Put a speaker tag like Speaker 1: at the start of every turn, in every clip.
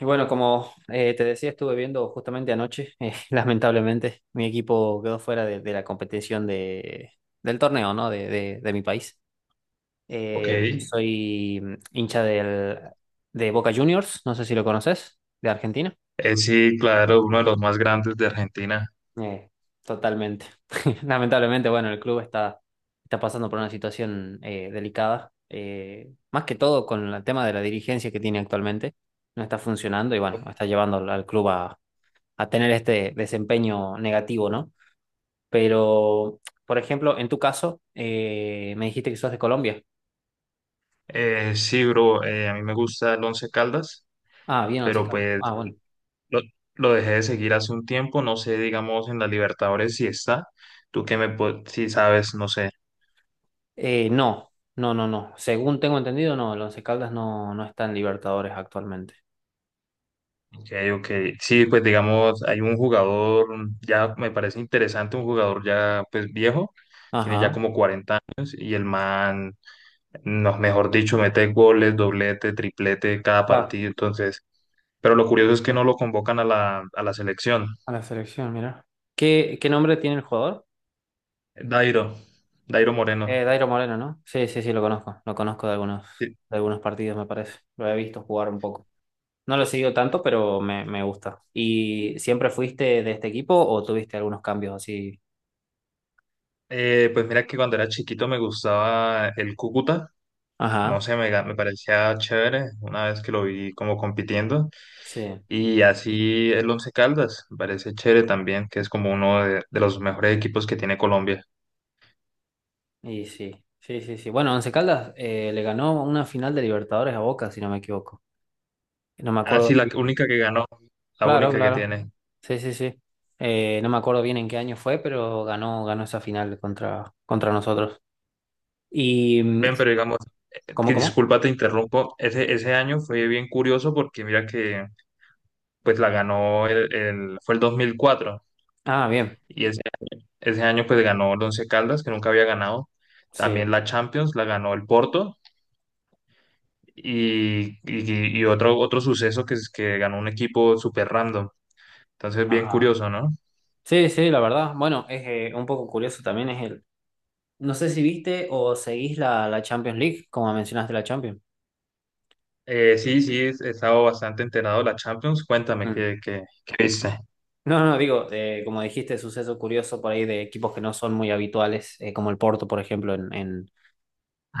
Speaker 1: Y bueno, como te decía, estuve viendo justamente anoche, lamentablemente, mi equipo quedó fuera de la competición de del torneo, ¿no? De mi país.
Speaker 2: Ok.
Speaker 1: Eh,
Speaker 2: Eh,
Speaker 1: soy hincha de Boca Juniors, no sé si lo conoces, de Argentina.
Speaker 2: sí, claro, uno de los más grandes de Argentina.
Speaker 1: Eh, totalmente. Lamentablemente, bueno, el club está, está pasando por una situación delicada, más que todo con el tema de la dirigencia que tiene actualmente. No está funcionando y bueno, está llevando al club a tener este desempeño negativo, ¿no? Pero, por ejemplo, en tu caso, me dijiste que sos de Colombia.
Speaker 2: Sí, bro, a mí me gusta el Once Caldas,
Speaker 1: Ah, bien, Once
Speaker 2: pero
Speaker 1: Caldas.
Speaker 2: pues
Speaker 1: Ah, bueno.
Speaker 2: lo, lo dejé de seguir hace un tiempo, no sé, digamos, en la Libertadores si está, tú que me, si sabes, no sé,
Speaker 1: No, no, no, no. Según tengo entendido, no, el Once Caldas no, no está en Libertadores actualmente.
Speaker 2: ok, ok, sí, pues digamos, hay un jugador, ya me parece interesante, un jugador ya pues viejo, tiene ya
Speaker 1: Ajá.
Speaker 2: como 40 años y el man nos mejor dicho, mete goles, doblete, triplete cada
Speaker 1: Va
Speaker 2: partido, entonces, pero lo curioso es que no lo convocan a la selección.
Speaker 1: a la selección, mira. ¿Qué, qué nombre tiene el jugador?
Speaker 2: Dairo, Dairo Moreno.
Speaker 1: Dairo Moreno, ¿no? Sí, sí, sí, lo conozco. Lo conozco
Speaker 2: Sí.
Speaker 1: de algunos partidos, me parece. Lo he visto jugar un poco. No lo he seguido tanto, pero me gusta. ¿Y siempre fuiste de este equipo o tuviste algunos cambios así?
Speaker 2: Pues mira que cuando era chiquito me gustaba el Cúcuta, no
Speaker 1: Ajá,
Speaker 2: sé, me parecía chévere una vez que lo vi como compitiendo,
Speaker 1: sí,
Speaker 2: y así el Once Caldas, me parece chévere también, que es como uno de los mejores equipos que tiene Colombia.
Speaker 1: y sí, sí, sí, sí. Bueno, Once Caldas le ganó una final de Libertadores a Boca, si no me equivoco. No me
Speaker 2: Ah, sí,
Speaker 1: acuerdo
Speaker 2: la
Speaker 1: bien.
Speaker 2: única que ganó, la
Speaker 1: Claro,
Speaker 2: única que
Speaker 1: claro.
Speaker 2: tiene.
Speaker 1: Sí, sí, sí. No me acuerdo bien en qué año fue, pero ganó, ganó esa final contra, contra nosotros. Y, mm,
Speaker 2: Ven, pero digamos,
Speaker 1: ¿cómo,
Speaker 2: que
Speaker 1: cómo?
Speaker 2: disculpa, te interrumpo. Ese año fue bien curioso porque mira que pues la ganó fue el 2004
Speaker 1: Ah, bien.
Speaker 2: y ese año pues ganó el Once Caldas que nunca había ganado.
Speaker 1: Sí.
Speaker 2: También la Champions la ganó el Porto y otro suceso que es que ganó un equipo súper random. Entonces, bien
Speaker 1: Ajá.
Speaker 2: curioso, ¿no?
Speaker 1: Sí, sí, la verdad. Bueno, es un poco curioso también es el, no sé si viste o seguís la, la Champions League, como mencionaste la Champions.
Speaker 2: Sí, sí, he estado bastante enterado de la Champions. Cuéntame
Speaker 1: Mm.
Speaker 2: qué viste.
Speaker 1: No, no, digo, como dijiste, suceso curioso por ahí de equipos que no son muy habituales, como el Porto, por ejemplo,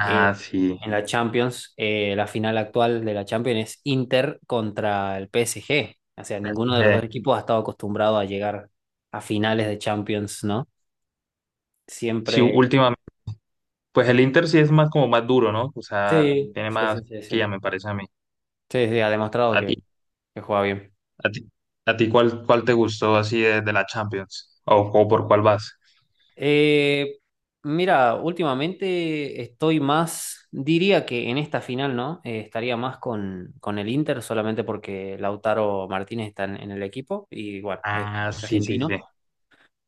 Speaker 1: eh,
Speaker 2: sí.
Speaker 1: en la Champions. La final actual de la Champions es Inter contra el PSG. O sea, ninguno de los
Speaker 2: Sí,
Speaker 1: dos equipos ha estado acostumbrado a llegar a finales de Champions, ¿no?
Speaker 2: sí,
Speaker 1: Siempre...
Speaker 2: últimamente. Pues el Inter sí es más como más duro, ¿no? O sea,
Speaker 1: Sí,
Speaker 2: tiene
Speaker 1: sí,
Speaker 2: más
Speaker 1: sí, sí,
Speaker 2: que
Speaker 1: sí.
Speaker 2: ya me parece a mí.
Speaker 1: Sí, sí, ha demostrado
Speaker 2: ¿A ti,
Speaker 1: que juega bien.
Speaker 2: a ti, a ti cuál te gustó así de la Champions? ¿O por cuál vas?
Speaker 1: Eh, mira, últimamente estoy más, diría que en esta final, ¿no? Estaría más con el Inter solamente porque Lautaro Martínez está en el equipo y bueno, es
Speaker 2: Ah, sí, sí,
Speaker 1: argentino.
Speaker 2: sí.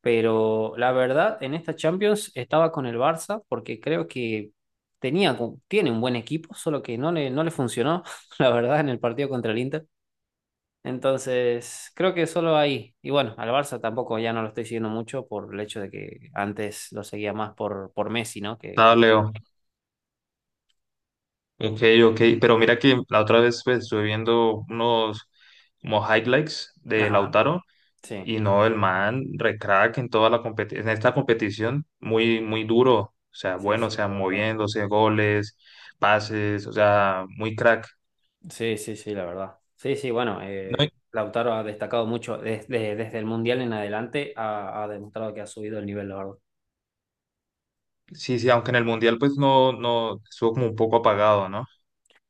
Speaker 1: Pero la verdad, en esta Champions estaba con el Barça porque creo que tenía, tiene un buen equipo, solo que no le, no le funcionó, la verdad, en el partido contra el Inter. Entonces, creo que solo ahí. Y bueno, al Barça tampoco ya no lo estoy siguiendo mucho por el hecho de que antes lo seguía más por Messi, ¿no?
Speaker 2: Estado
Speaker 1: Que-
Speaker 2: Leo. Ok, ok. Pero mira que la otra vez pues, estuve viendo unos como highlights de
Speaker 1: ajá,
Speaker 2: Lautaro
Speaker 1: sí.
Speaker 2: y no, el man recrack en esta competición muy, muy duro. O sea,
Speaker 1: Sí,
Speaker 2: bueno, o
Speaker 1: sí,
Speaker 2: sea,
Speaker 1: la verdad.
Speaker 2: moviéndose, goles, pases, o sea, muy crack.
Speaker 1: Sí, sí, sí, la verdad. Sí, sí, bueno,
Speaker 2: No,
Speaker 1: Lautaro ha destacado mucho desde, desde el Mundial en adelante, ha, ha demostrado que ha subido el nivel, la verdad.
Speaker 2: sí, sí, aunque en el Mundial pues no, estuvo como un poco apagado, ¿no?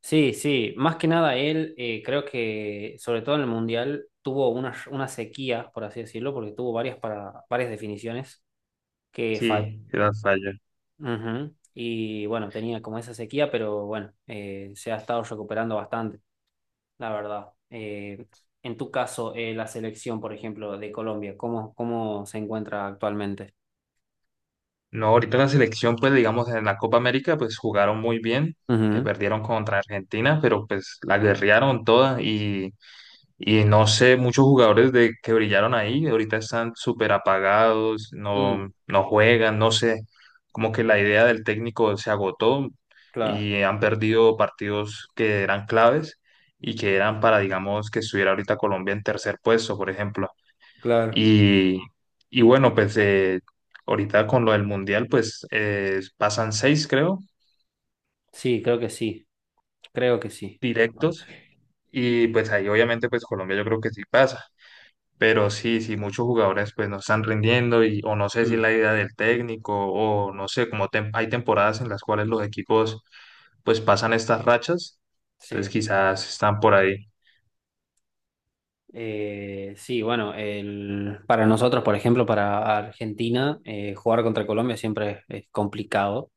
Speaker 1: Sí, sí, más que nada él, creo que sobre todo en el Mundial tuvo una sequía, por así decirlo, porque tuvo varias, para, varias definiciones que falló.
Speaker 2: Sí, era falla.
Speaker 1: Ujú. Y bueno, tenía como esa sequía, pero bueno, se ha estado recuperando bastante, la verdad. En tu caso, la selección, por ejemplo, de Colombia, ¿cómo, cómo se encuentra actualmente?
Speaker 2: No, ahorita la selección pues digamos en la Copa América pues jugaron muy bien, que
Speaker 1: Ujú,
Speaker 2: perdieron contra Argentina, pero pues la guerrearon toda. Y no sé, muchos jugadores que brillaron ahí, ahorita están súper apagados,
Speaker 1: mm,
Speaker 2: no juegan, no sé, como que la idea del técnico se agotó
Speaker 1: claro,
Speaker 2: y han perdido partidos que eran claves y que eran para, digamos, que estuviera ahorita Colombia en tercer puesto, por ejemplo.
Speaker 1: claro.
Speaker 2: Y, y bueno, pues ahorita con lo del Mundial, pues pasan seis, creo,
Speaker 1: Sí, creo que sí, creo que sí.
Speaker 2: directos. Y pues ahí obviamente pues Colombia yo creo que sí pasa. Pero sí, sí, muchos jugadores pues no están rindiendo y o no sé si
Speaker 1: Mm,
Speaker 2: es la idea del técnico o no sé, como hay temporadas en las cuales los equipos pues pasan estas rachas, entonces
Speaker 1: sí.
Speaker 2: quizás están por ahí,
Speaker 1: Sí, bueno, el, para nosotros, por ejemplo, para Argentina, jugar contra Colombia siempre es complicado.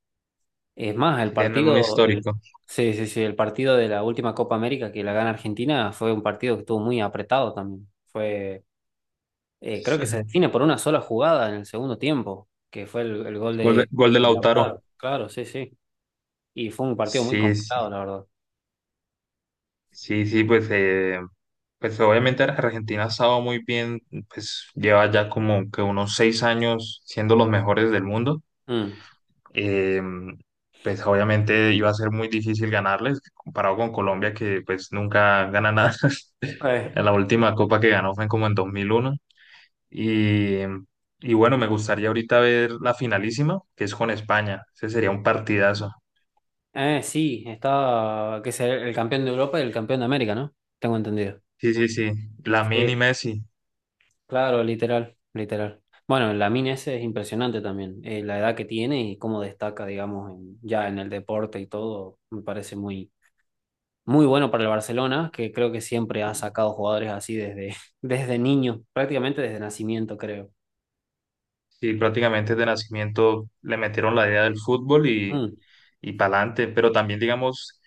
Speaker 1: Es más, el sí,
Speaker 2: si tienen un
Speaker 1: partido, el,
Speaker 2: histórico.
Speaker 1: sí, sí, sí, el partido de la última Copa América que la gana Argentina fue un partido que estuvo muy apretado también. Fue, creo que se define por una sola jugada en el segundo tiempo, que fue el gol
Speaker 2: Gol de, gol de
Speaker 1: de
Speaker 2: Lautaro.
Speaker 1: Lautaro. Claro, sí, sí. Y fue un partido muy
Speaker 2: Sí, sí,
Speaker 1: complicado, la verdad.
Speaker 2: sí, sí, pues, pues obviamente Argentina ha estado muy bien, pues lleva ya como que unos 6 años siendo los mejores del mundo.
Speaker 1: Mm.
Speaker 2: eh, pues obviamente iba a ser muy difícil ganarles, comparado con Colombia, que pues nunca gana nada.
Speaker 1: Eh,
Speaker 2: La última copa que ganó fue como en 2001. Y, y bueno, me gustaría ahorita ver la finalísima, que es con España. Ese sería un partidazo.
Speaker 1: sí, está que es el campeón de Europa y el campeón de América, ¿no? Tengo entendido.
Speaker 2: Sí, sí, sí. Lamine y
Speaker 1: Sí.
Speaker 2: Messi.
Speaker 1: Claro, literal, literal. Bueno, la mina ese es impresionante también, la edad que tiene y cómo destaca, digamos, en- ya en el deporte y todo, me parece muy, muy bueno para el Barcelona, que creo que siempre ha sacado jugadores así desde, desde niño, prácticamente desde nacimiento, creo.
Speaker 2: Sí, prácticamente de nacimiento le metieron la idea del fútbol y,
Speaker 1: Mm,
Speaker 2: y para adelante, pero también, digamos,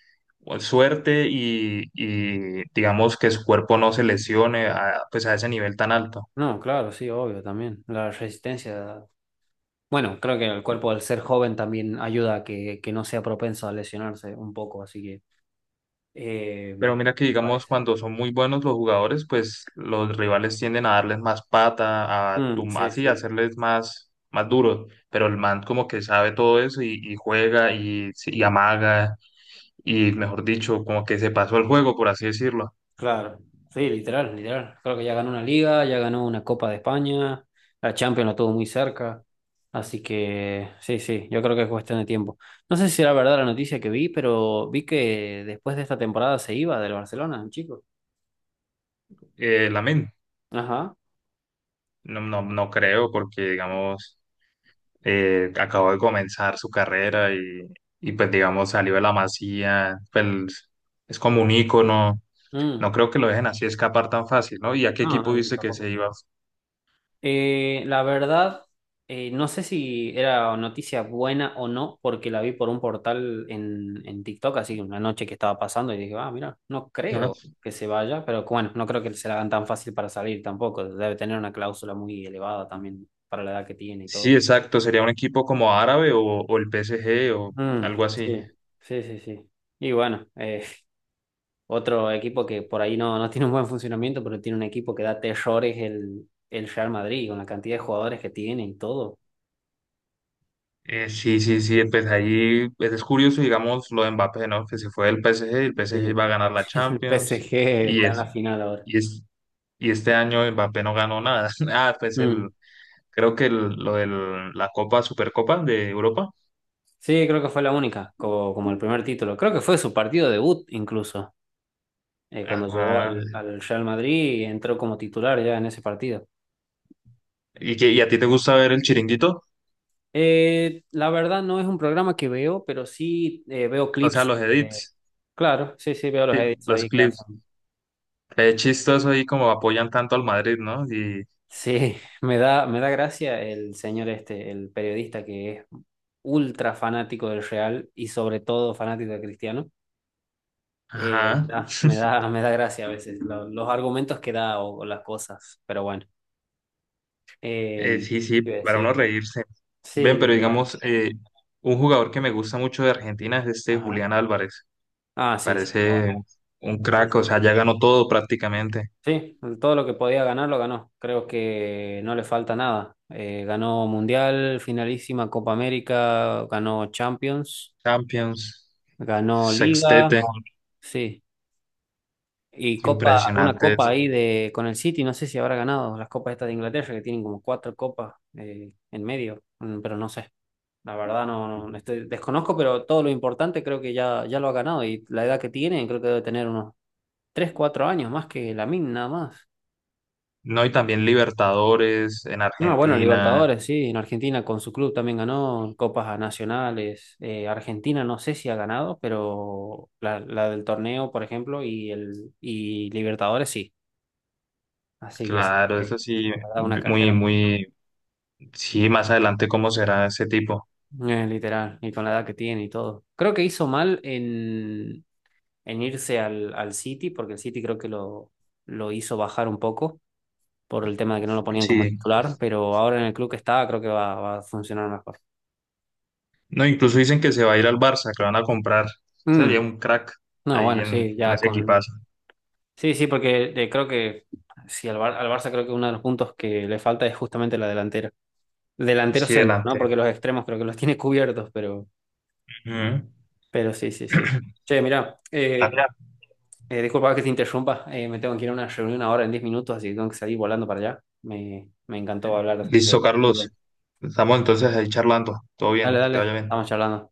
Speaker 2: suerte y, digamos que su cuerpo no se lesione pues a ese nivel tan alto.
Speaker 1: no, claro, sí, obvio también. La resistencia, bueno, creo que el cuerpo al ser joven también ayuda a que no sea propenso a lesionarse un poco, así que eh,
Speaker 2: Pero mira que,
Speaker 1: me
Speaker 2: digamos,
Speaker 1: parece.
Speaker 2: cuando son muy buenos los jugadores, pues los rivales tienden a darles más pata, a
Speaker 1: Mm,
Speaker 2: tum
Speaker 1: sí,
Speaker 2: así, a
Speaker 1: sí.
Speaker 2: hacerles más duros. Pero el man como que sabe todo eso y juega y, sí, y amaga y, mejor dicho, como que se pasó el juego, por así decirlo.
Speaker 1: Claro, sí, literal, literal. Creo que ya ganó una liga, ya ganó una Copa de España, la Champions la tuvo muy cerca, así que sí, sí, yo creo que es cuestión de tiempo. No sé si era verdad la noticia que vi, pero vi que después de esta temporada se iba del Barcelona, el chico.
Speaker 2: Lamine,
Speaker 1: Ajá.
Speaker 2: no, no, no creo porque, digamos... acabó de comenzar su carrera y, pues digamos salió de la masía, pues es como un ícono,
Speaker 1: Mm.
Speaker 2: no creo que lo dejen así escapar tan fácil, ¿no? ¿Y a qué
Speaker 1: No,
Speaker 2: equipo
Speaker 1: no, yo
Speaker 2: viste que se
Speaker 1: tampoco.
Speaker 2: iba?
Speaker 1: La verdad, no sé si era noticia buena o no, porque la vi por un portal en TikTok, así una noche que estaba pasando, y dije, ah, mira, no
Speaker 2: Ajá.
Speaker 1: creo que se vaya, pero bueno, no creo que se la hagan tan fácil para salir tampoco. Debe tener una cláusula muy elevada también para la edad que tiene y
Speaker 2: Sí,
Speaker 1: todo.
Speaker 2: exacto, sería un equipo como árabe o el PSG o
Speaker 1: Mm,
Speaker 2: algo así.
Speaker 1: sí, sí, sí, sí. Y bueno, otro equipo que por ahí no, no tiene un buen funcionamiento, pero tiene un equipo que da terrores el Real Madrid, con la cantidad de jugadores que tiene y todo.
Speaker 2: Sí, sí, sí, pues ahí pues, es curioso, digamos, lo de Mbappé, ¿no? Que se fue del PSG, el PSG iba
Speaker 1: Sí.
Speaker 2: a ganar la
Speaker 1: El
Speaker 2: Champions
Speaker 1: PSG
Speaker 2: y
Speaker 1: está en
Speaker 2: es,
Speaker 1: la final ahora.
Speaker 2: y es, y este año Mbappé no ganó nada. Ah, pues el,
Speaker 1: Mm.
Speaker 2: creo que el- lo de la Copa, Supercopa de Europa.
Speaker 1: Sí, creo que fue la única, como, como el primer título. Creo que fue su partido debut incluso, cuando llegó
Speaker 2: Ajá.
Speaker 1: al, al Real Madrid y entró como titular ya en ese partido.
Speaker 2: ¿Y a ti te gusta ver el chiringuito?
Speaker 1: La verdad no es un programa que veo, pero sí veo
Speaker 2: O sea,
Speaker 1: clips,
Speaker 2: los edits,
Speaker 1: claro, sí, sí, veo los
Speaker 2: sí,
Speaker 1: edits
Speaker 2: los
Speaker 1: ahí que
Speaker 2: clips.
Speaker 1: hacen.
Speaker 2: Es chistoso ahí como apoyan tanto al Madrid, ¿no? Y,
Speaker 1: Sí, me da gracia el señor este, el periodista que es ultra fanático del Real y sobre todo fanático de Cristiano.
Speaker 2: ajá.
Speaker 1: Ah, me da gracia a veces lo- los argumentos que da o las cosas, pero bueno. Eh,
Speaker 2: Sí, sí,
Speaker 1: ¿Qué iba a
Speaker 2: para
Speaker 1: decir?
Speaker 2: uno reírse.
Speaker 1: Sí,
Speaker 2: Ven, pero
Speaker 1: literal.
Speaker 2: digamos, un jugador que me gusta mucho de Argentina es este
Speaker 1: Ajá.
Speaker 2: Julián Álvarez.
Speaker 1: Ah, sí, sí. Ah,
Speaker 2: Parece
Speaker 1: bueno.
Speaker 2: un
Speaker 1: Sí,
Speaker 2: crack, o
Speaker 1: sí,
Speaker 2: sea,
Speaker 1: sí.
Speaker 2: ya ganó todo prácticamente.
Speaker 1: Sí, todo lo que podía ganar lo ganó. Creo que no le falta nada. Ganó Mundial, finalísima Copa América, ganó Champions,
Speaker 2: Champions,
Speaker 1: ganó
Speaker 2: sextete,
Speaker 1: Liga, sí. Y copa, una
Speaker 2: impresionante.
Speaker 1: copa ahí de con el City, no sé si habrá ganado las copas estas de Inglaterra, que tienen como cuatro copas en medio, mm, pero no sé. La verdad no, no no estoy- desconozco, pero todo lo importante creo que ya, ya lo ha ganado y la edad que tiene creo que debe tener unos 3 4 años más que Lamine nada más.
Speaker 2: No, y también Libertadores en
Speaker 1: No, bueno,
Speaker 2: Argentina,
Speaker 1: Libertadores, sí, en Argentina con su club también ganó copas nacionales. Argentina no sé si ha ganado, pero la del torneo, por ejemplo, y el y Libertadores sí. Así que sí,
Speaker 2: claro,
Speaker 1: es
Speaker 2: eso sí,
Speaker 1: la verdad, una
Speaker 2: muy,
Speaker 1: carrera muy-
Speaker 2: muy, sí, más adelante cómo será ese tipo.
Speaker 1: literal, y con la edad que tiene y todo. Creo que hizo mal en irse al, al City, porque el City creo que lo hizo bajar un poco por el tema de que no lo ponían como
Speaker 2: Sí,
Speaker 1: titular, pero ahora en el club que está creo que va, va a funcionar mejor.
Speaker 2: no, incluso dicen que se va a ir al Barça, que lo van a comprar.
Speaker 1: Mm,
Speaker 2: Sería un crack
Speaker 1: no,
Speaker 2: ahí
Speaker 1: bueno, sí,
Speaker 2: en
Speaker 1: ya
Speaker 2: ese
Speaker 1: con...
Speaker 2: equipazo.
Speaker 1: Sí, sí, porque creo que sí, al, Bar- al Barça creo que uno de los puntos que le falta es justamente la delantera. Delantero
Speaker 2: Sí,
Speaker 1: centro, ¿no? Porque
Speaker 2: delantero.
Speaker 1: los extremos creo que los tiene cubiertos,
Speaker 2: Ujú.
Speaker 1: pero sí, sí, sí. Che, mirá,
Speaker 2: Ah, ya.
Speaker 1: eh, disculpa que te interrumpa, me tengo que ir a una reunión ahora en 10 minutos, así que tengo que salir volando para allá. Me encantó hablar de
Speaker 2: Listo,
Speaker 1: fútbol.
Speaker 2: Carlos. Estamos entonces ahí charlando. Todo
Speaker 1: Dale,
Speaker 2: bien, que
Speaker 1: dale,
Speaker 2: te vaya bien.
Speaker 1: estamos charlando.